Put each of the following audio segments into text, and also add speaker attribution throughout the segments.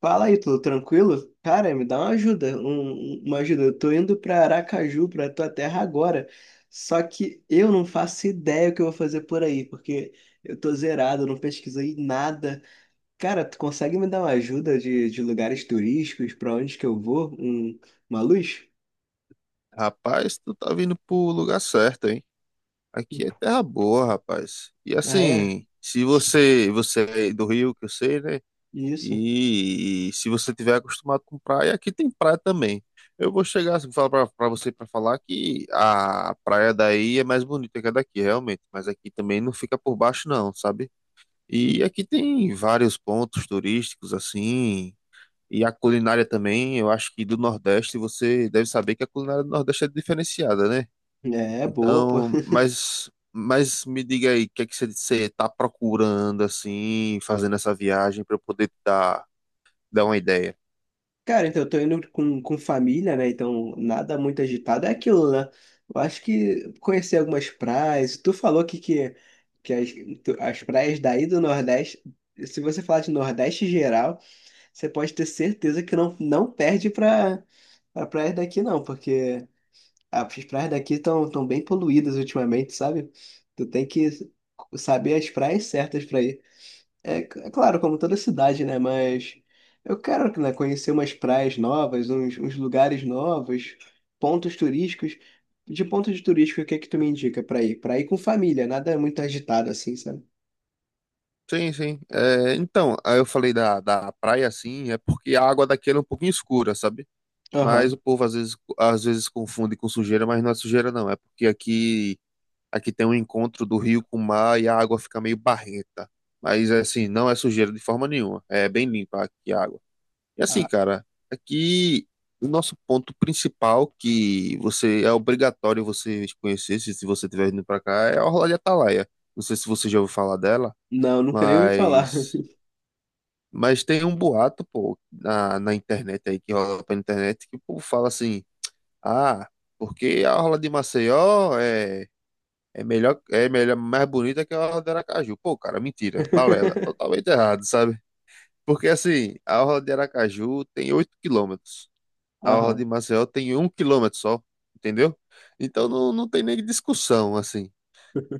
Speaker 1: Fala aí, tudo tranquilo? Cara, me dá uma ajuda. Eu tô indo pra Aracaju, pra tua terra agora. Só que eu não faço ideia o que eu vou fazer por aí, porque eu tô zerado, eu não pesquisei nada. Cara, tu consegue me dar uma ajuda de lugares turísticos, pra onde que eu vou? Uma luz?
Speaker 2: Rapaz, tu tá vindo pro lugar certo, hein? Aqui
Speaker 1: Hum.
Speaker 2: é terra boa, rapaz. E
Speaker 1: Ah, é?
Speaker 2: assim, se você é do Rio, que eu sei, né?
Speaker 1: Isso.
Speaker 2: E se você tiver acostumado com praia, aqui tem praia também. Eu vou chegar assim, falar pra você para falar que a praia daí é mais bonita que a daqui, realmente. Mas aqui também não fica por baixo, não, sabe? E aqui tem vários pontos turísticos, assim. E a culinária também, eu acho que do Nordeste você deve saber que a culinária do Nordeste é diferenciada, né?
Speaker 1: É, boa, pô.
Speaker 2: Então, mas me diga aí, o que é que você tá procurando, assim, fazendo essa viagem para eu poder te dar, dar uma ideia?
Speaker 1: Cara, então eu tô indo com família, né? Então nada muito agitado. É aquilo, né? Eu acho que conhecer algumas praias. Tu falou que as praias daí do Nordeste, se você falar de Nordeste geral, você pode ter certeza que não perde pra praias daqui, não, porque as praias daqui estão tão tão bem poluídas ultimamente, sabe? Tu tem que saber as praias certas pra ir. É, é claro, como toda cidade, né? Mas eu quero, né, conhecer umas praias novas, uns lugares novos, pontos turísticos. De pontos turísticos, o que é que tu me indica pra ir? Pra ir com família, nada muito agitado assim, sabe?
Speaker 2: Sim, sim. É, então, aí eu falei da praia, assim, é porque a água daqui ela é um pouquinho escura, sabe? Mas
Speaker 1: Aham.
Speaker 2: o povo às vezes confunde com sujeira, mas não é sujeira, não. É porque aqui tem um encontro do rio com o mar e a água fica meio barrenta. Mas, assim, não é sujeira de forma nenhuma. É bem limpa aqui a água. E assim,
Speaker 1: Ah,
Speaker 2: cara, aqui o nosso ponto principal que você é obrigatório você conhecer se você estiver vindo para cá é a Orla de Atalaia. Não sei se você já ouviu falar dela,
Speaker 1: não, nunca nem ouvi falar.
Speaker 2: mas tem um boato, pô, na internet aí que rola pela internet que o povo fala assim: "Ah, porque a Orla de Maceió é melhor mais bonita que a Orla de Aracaju". Pô, cara, mentira, balela, totalmente errado, sabe? Porque assim, a Orla de Aracaju tem 8 quilômetros, a orla de
Speaker 1: Aham.
Speaker 2: Maceió tem 1 quilômetro só, entendeu? Então não tem nem discussão, assim.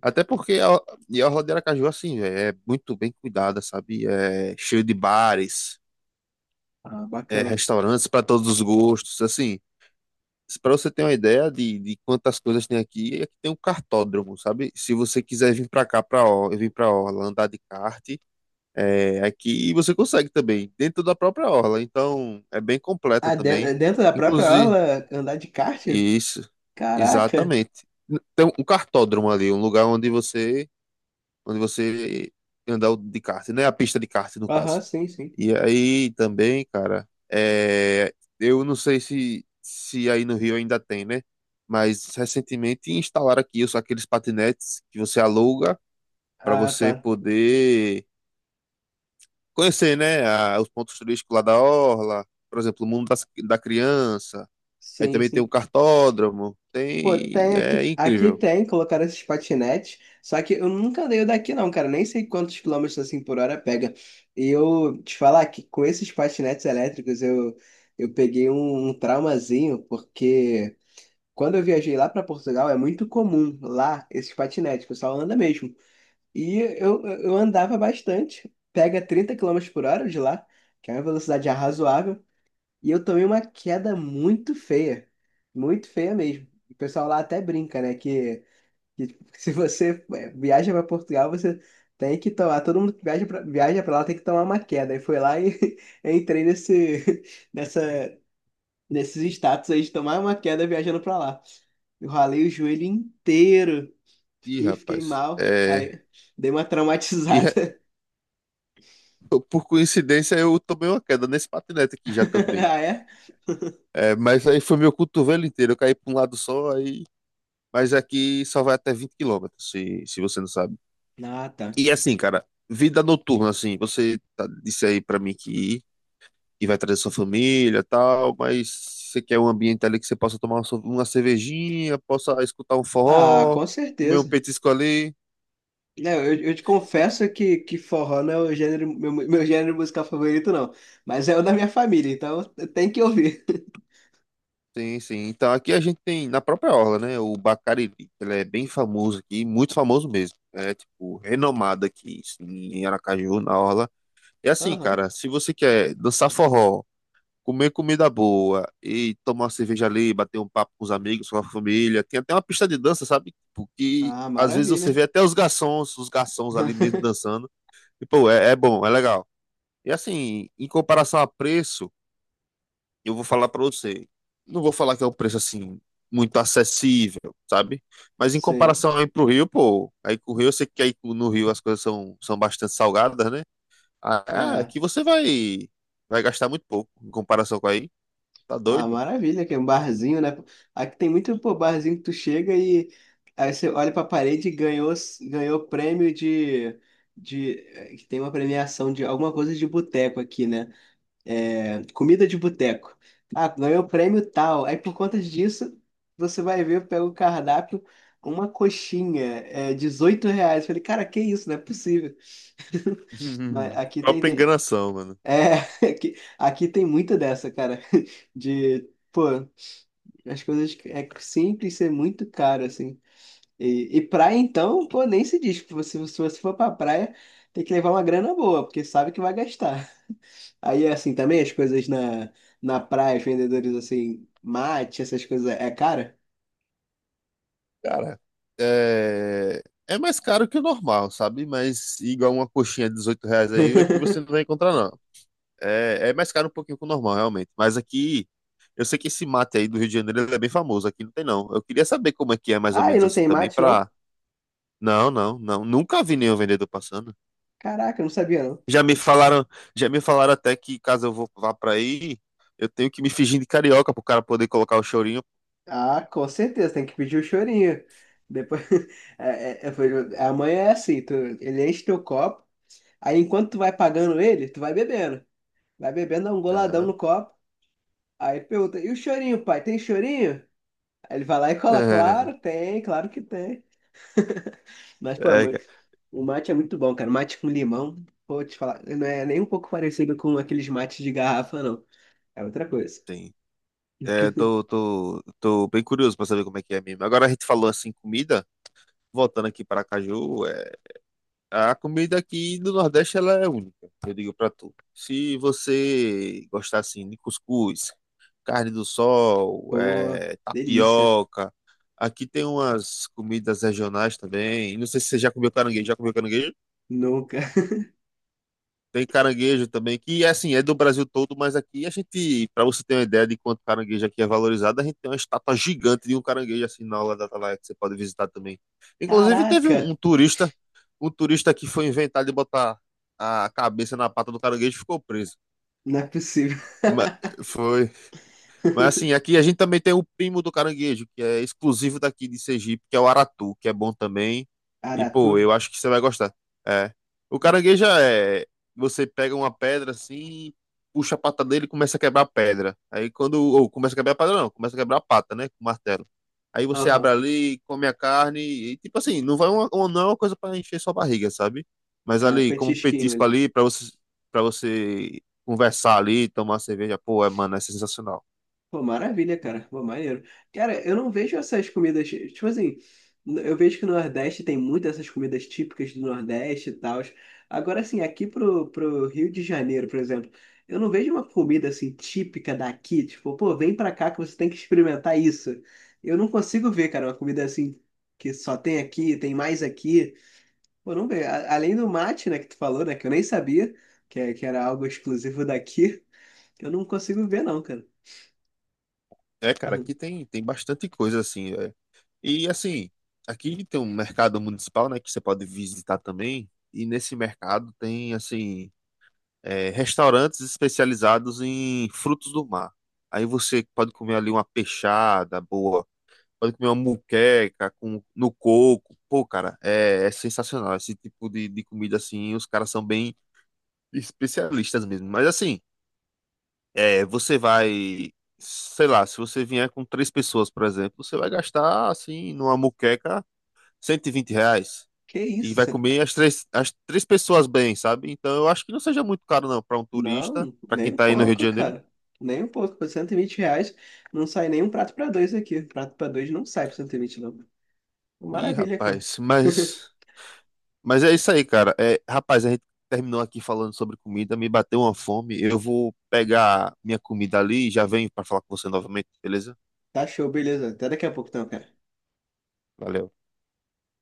Speaker 2: Até porque E a orla de Aracaju, assim, véi, é muito bem cuidada, sabe? É cheio de bares,
Speaker 1: Ah,
Speaker 2: é,
Speaker 1: bacana.
Speaker 2: restaurantes para todos os gostos, assim. Para você ter uma ideia de quantas coisas tem aqui, é que tem um cartódromo, sabe? Se você quiser vir para cá, para orla, vir para orla, andar de kart, é, aqui você consegue também, dentro da própria orla. Então, é bem completa
Speaker 1: Ah,
Speaker 2: também.
Speaker 1: dentro da própria
Speaker 2: Inclusive,
Speaker 1: aula, andar de kart?
Speaker 2: isso,
Speaker 1: Caraca.
Speaker 2: exatamente. Tem um cartódromo ali, um lugar onde você andar de kart, né? A pista de kart, no
Speaker 1: Aham,
Speaker 2: caso.
Speaker 1: sim, sim.
Speaker 2: E aí também, cara, é, eu não sei se, se aí no Rio ainda tem, né? Mas recentemente instalaram aqui os, aqueles patinetes que você aluga para
Speaker 1: Ah,
Speaker 2: você
Speaker 1: tá.
Speaker 2: poder conhecer, né? a- os pontos turísticos lá da Orla, por exemplo, o mundo das- da criança. Aí
Speaker 1: Sim,
Speaker 2: também tem o
Speaker 1: sim.
Speaker 2: cartódromo.
Speaker 1: Pô,
Speaker 2: Tem,
Speaker 1: tem aqui,
Speaker 2: é
Speaker 1: aqui
Speaker 2: incrível.
Speaker 1: tem, colocaram esses patinetes, só que eu nunca andei o daqui não, cara, nem sei quantos quilômetros assim por hora pega. E eu te falar que com esses patinetes elétricos eu peguei um traumazinho, porque quando eu viajei lá para Portugal é muito comum lá esses patinetes, o pessoal anda mesmo. E eu andava bastante, pega 30 km/h de lá, que é uma velocidade razoável. E eu tomei uma queda muito feia. Muito feia mesmo. O pessoal lá até brinca, né? Que tipo, se você é, viaja para Portugal, você tem que tomar. Todo mundo que viaja para viaja para lá tem que tomar uma queda. E foi lá e eu entrei nessa, nesses status aí de tomar uma queda viajando para lá. Eu ralei o joelho inteiro.
Speaker 2: Ih,
Speaker 1: Fiquei
Speaker 2: rapaz,
Speaker 1: mal.
Speaker 2: é.
Speaker 1: Aí dei uma
Speaker 2: E re-
Speaker 1: traumatizada.
Speaker 2: por coincidência eu tomei uma queda nesse patinete aqui já também.
Speaker 1: Ah, é?
Speaker 2: É, mas aí foi meu cotovelo inteiro, eu caí para um lado só, aí. Mas aqui só vai até 20 quilômetros se você não sabe.
Speaker 1: Ah, tá.
Speaker 2: E assim, cara, vida noturna, assim, disse aí pra mim que vai trazer sua família e tal, mas você quer um ambiente ali que você possa tomar uma cervejinha, possa escutar um
Speaker 1: Ah,
Speaker 2: forró,
Speaker 1: com
Speaker 2: comer um
Speaker 1: certeza.
Speaker 2: petisco ali.
Speaker 1: É, eu te confesso que forró não é o gênero, meu gênero musical favorito, não. Mas é o da minha família, então tem que ouvir.
Speaker 2: Sim, sim. Então aqui a gente tem na própria orla, né? O Bacariri, que ele é bem famoso aqui, muito famoso mesmo. É tipo renomado aqui, sim, em Aracaju, na orla. E assim,
Speaker 1: Aham.
Speaker 2: cara, se você quer dançar forró, comer comida boa e tomar uma cerveja ali, bater um papo com os amigos, com a família, tem até uma pista de dança, sabe? Porque
Speaker 1: Ah,
Speaker 2: às vezes você
Speaker 1: maravilha.
Speaker 2: vê até os garçons ali mesmo dançando. E pô, é, é bom, é legal. E assim, em comparação a preço eu vou falar para você. Não vou falar que é um preço assim muito acessível, sabe? Mas em
Speaker 1: Sim.
Speaker 2: comparação aí pro Rio, pô, aí com o Rio, eu sei que aí no Rio as coisas são bastante salgadas, né? Ah,
Speaker 1: É.
Speaker 2: aqui você vai gastar muito pouco em comparação com aí. Tá
Speaker 1: Ah,
Speaker 2: doido?
Speaker 1: maravilha, que é um barzinho, né? Aqui tem muito, pô, barzinho que tu chega e aí você olha pra parede e ganhou, ganhou prêmio de. Que tem uma premiação de alguma coisa de boteco aqui, né? É, comida de boteco. Ah, ganhou o prêmio tal. Aí por conta disso, você vai ver, pega o cardápio, uma coxinha, é R$ 18. Falei, cara, que isso? Não é possível. Mas aqui
Speaker 2: Própria enganação, mano.
Speaker 1: é, aqui, aqui tem muita dessa, cara. De, pô, as coisas é simples ser muito caro, assim. E praia, então, pô, nem se diz. Se você for pra praia, tem que levar uma grana boa, porque sabe que vai gastar. Aí, é assim, também as coisas na praia, os vendedores, assim, mate, essas coisas, é cara?
Speaker 2: Cara, é... é mais caro que o normal, sabe? Mas igual uma coxinha de R$ 18 aí, aqui você não vai encontrar, não. É, é mais caro um pouquinho que o normal, realmente. Mas aqui, eu sei que esse mate aí do Rio de Janeiro ele é bem famoso. Aqui não tem, não. Eu queria saber como é que é mais ou
Speaker 1: Ah, e
Speaker 2: menos
Speaker 1: não
Speaker 2: assim
Speaker 1: tem
Speaker 2: também
Speaker 1: mate, não?
Speaker 2: pra. Não, não, não. Nunca vi nenhum vendedor passando.
Speaker 1: Caraca, eu não sabia, não.
Speaker 2: Já me falaram, já me falaram até que caso eu vá pra aí, eu tenho que me fingir de carioca pro cara poder colocar o chorinho.
Speaker 1: Ah, com certeza, tem que pedir o chorinho. Depois, a mãe é assim, tu, ele enche teu copo, aí enquanto tu vai pagando ele, tu vai bebendo. Vai bebendo, dá um goladão
Speaker 2: Aham.
Speaker 1: no copo, aí pergunta, e o chorinho, pai, tem chorinho? Aí ele vai lá e cola,
Speaker 2: É,
Speaker 1: claro, tem, claro que tem. Mas, pô,
Speaker 2: é,
Speaker 1: mas
Speaker 2: cara,
Speaker 1: o mate é muito bom, cara. Mate com limão, vou te falar, não é nem um pouco parecido com aqueles mates de garrafa, não. É outra coisa.
Speaker 2: tem. É, tô bem curioso pra saber como é que é mesmo. Agora a gente falou assim, comida. Voltando aqui para Caju, é, a comida aqui do Nordeste ela é única, eu digo pra tu. Se você gostar assim de cuscuz, carne do sol,
Speaker 1: Pô, delícia.
Speaker 2: tapioca, aqui tem umas comidas regionais também. Não sei se você já comeu caranguejo. Já comeu caranguejo?
Speaker 1: Nunca.
Speaker 2: Tem caranguejo também, que assim, é do Brasil todo, mas aqui a gente, para você ter uma ideia de quanto caranguejo aqui é valorizado, a gente tem uma estátua gigante de um caranguejo assim na aula da Atalaia que você pode visitar também. Inclusive teve
Speaker 1: Caraca,
Speaker 2: um turista que foi inventar de botar a cabeça na pata do caranguejo e ficou preso.
Speaker 1: não é possível.
Speaker 2: Mas foi, mas assim, aqui a gente também tem o primo do caranguejo, que é exclusivo daqui de Sergipe, que é o Aratu, que é bom também. E,
Speaker 1: Aratu?
Speaker 2: pô, eu acho que você vai gostar. É. O caranguejo é. Você pega uma pedra assim, puxa a pata dele e começa a quebrar a pedra. Aí quando. Ou começa a quebrar a pedra, não, começa a quebrar a pata, né? Com o martelo. Aí você abre
Speaker 1: Aham.
Speaker 2: ali, come a carne, e tipo assim, não vai não é uma coisa para encher sua barriga, sabe? Mas
Speaker 1: É um
Speaker 2: ali, como um
Speaker 1: petisquinho
Speaker 2: petisco
Speaker 1: ali.
Speaker 2: ali, para você conversar ali, tomar cerveja, pô, é, mano, é sensacional.
Speaker 1: Pô, maravilha, cara. Pô, maneiro. Cara, eu não vejo essas comidas. Tipo assim, eu vejo que no Nordeste tem muitas essas comidas típicas do Nordeste e tal. Agora, assim, aqui pro Rio de Janeiro, por exemplo, eu não vejo uma comida assim típica daqui. Tipo, pô, vem pra cá que você tem que experimentar isso. Eu não consigo ver, cara, uma comida assim que só tem aqui, tem mais aqui. Pô, não vejo. A- Além do mate, né, que tu falou, né, que eu nem sabia que era algo exclusivo daqui, eu não consigo ver, não, cara.
Speaker 2: É, cara,
Speaker 1: Uhum.
Speaker 2: aqui tem, tem bastante coisa assim. É. E assim, aqui tem um mercado municipal, né, que você pode visitar também. E nesse mercado tem assim, é, restaurantes especializados em frutos do mar. Aí você pode comer ali uma peixada boa, pode comer uma muqueca com no coco. Pô, cara, é, é sensacional. Esse tipo de comida assim, os caras são bem especialistas mesmo. Mas assim. É, você vai, sei lá, se você vier com três pessoas, por exemplo, você vai gastar, assim, numa moqueca, R$ 120.
Speaker 1: Que
Speaker 2: E
Speaker 1: isso.
Speaker 2: vai comer as três pessoas bem, sabe? Então eu acho que não seja muito caro, não, para um turista,
Speaker 1: Não,
Speaker 2: para quem
Speaker 1: nem um
Speaker 2: tá aí no Rio de
Speaker 1: pouco,
Speaker 2: Janeiro.
Speaker 1: cara. Nem um pouco. Por R$ 120 não sai nem um prato pra dois aqui. Prato pra dois não sai por 120, não.
Speaker 2: Ih,
Speaker 1: Maravilha, cara.
Speaker 2: rapaz, mas é isso aí, cara. É, rapaz, a gente terminou aqui falando sobre comida, me bateu uma fome. Eu vou pegar minha comida ali e já venho para falar com você novamente, beleza?
Speaker 1: Tá show, beleza. Até daqui a pouco, então, cara.
Speaker 2: Valeu.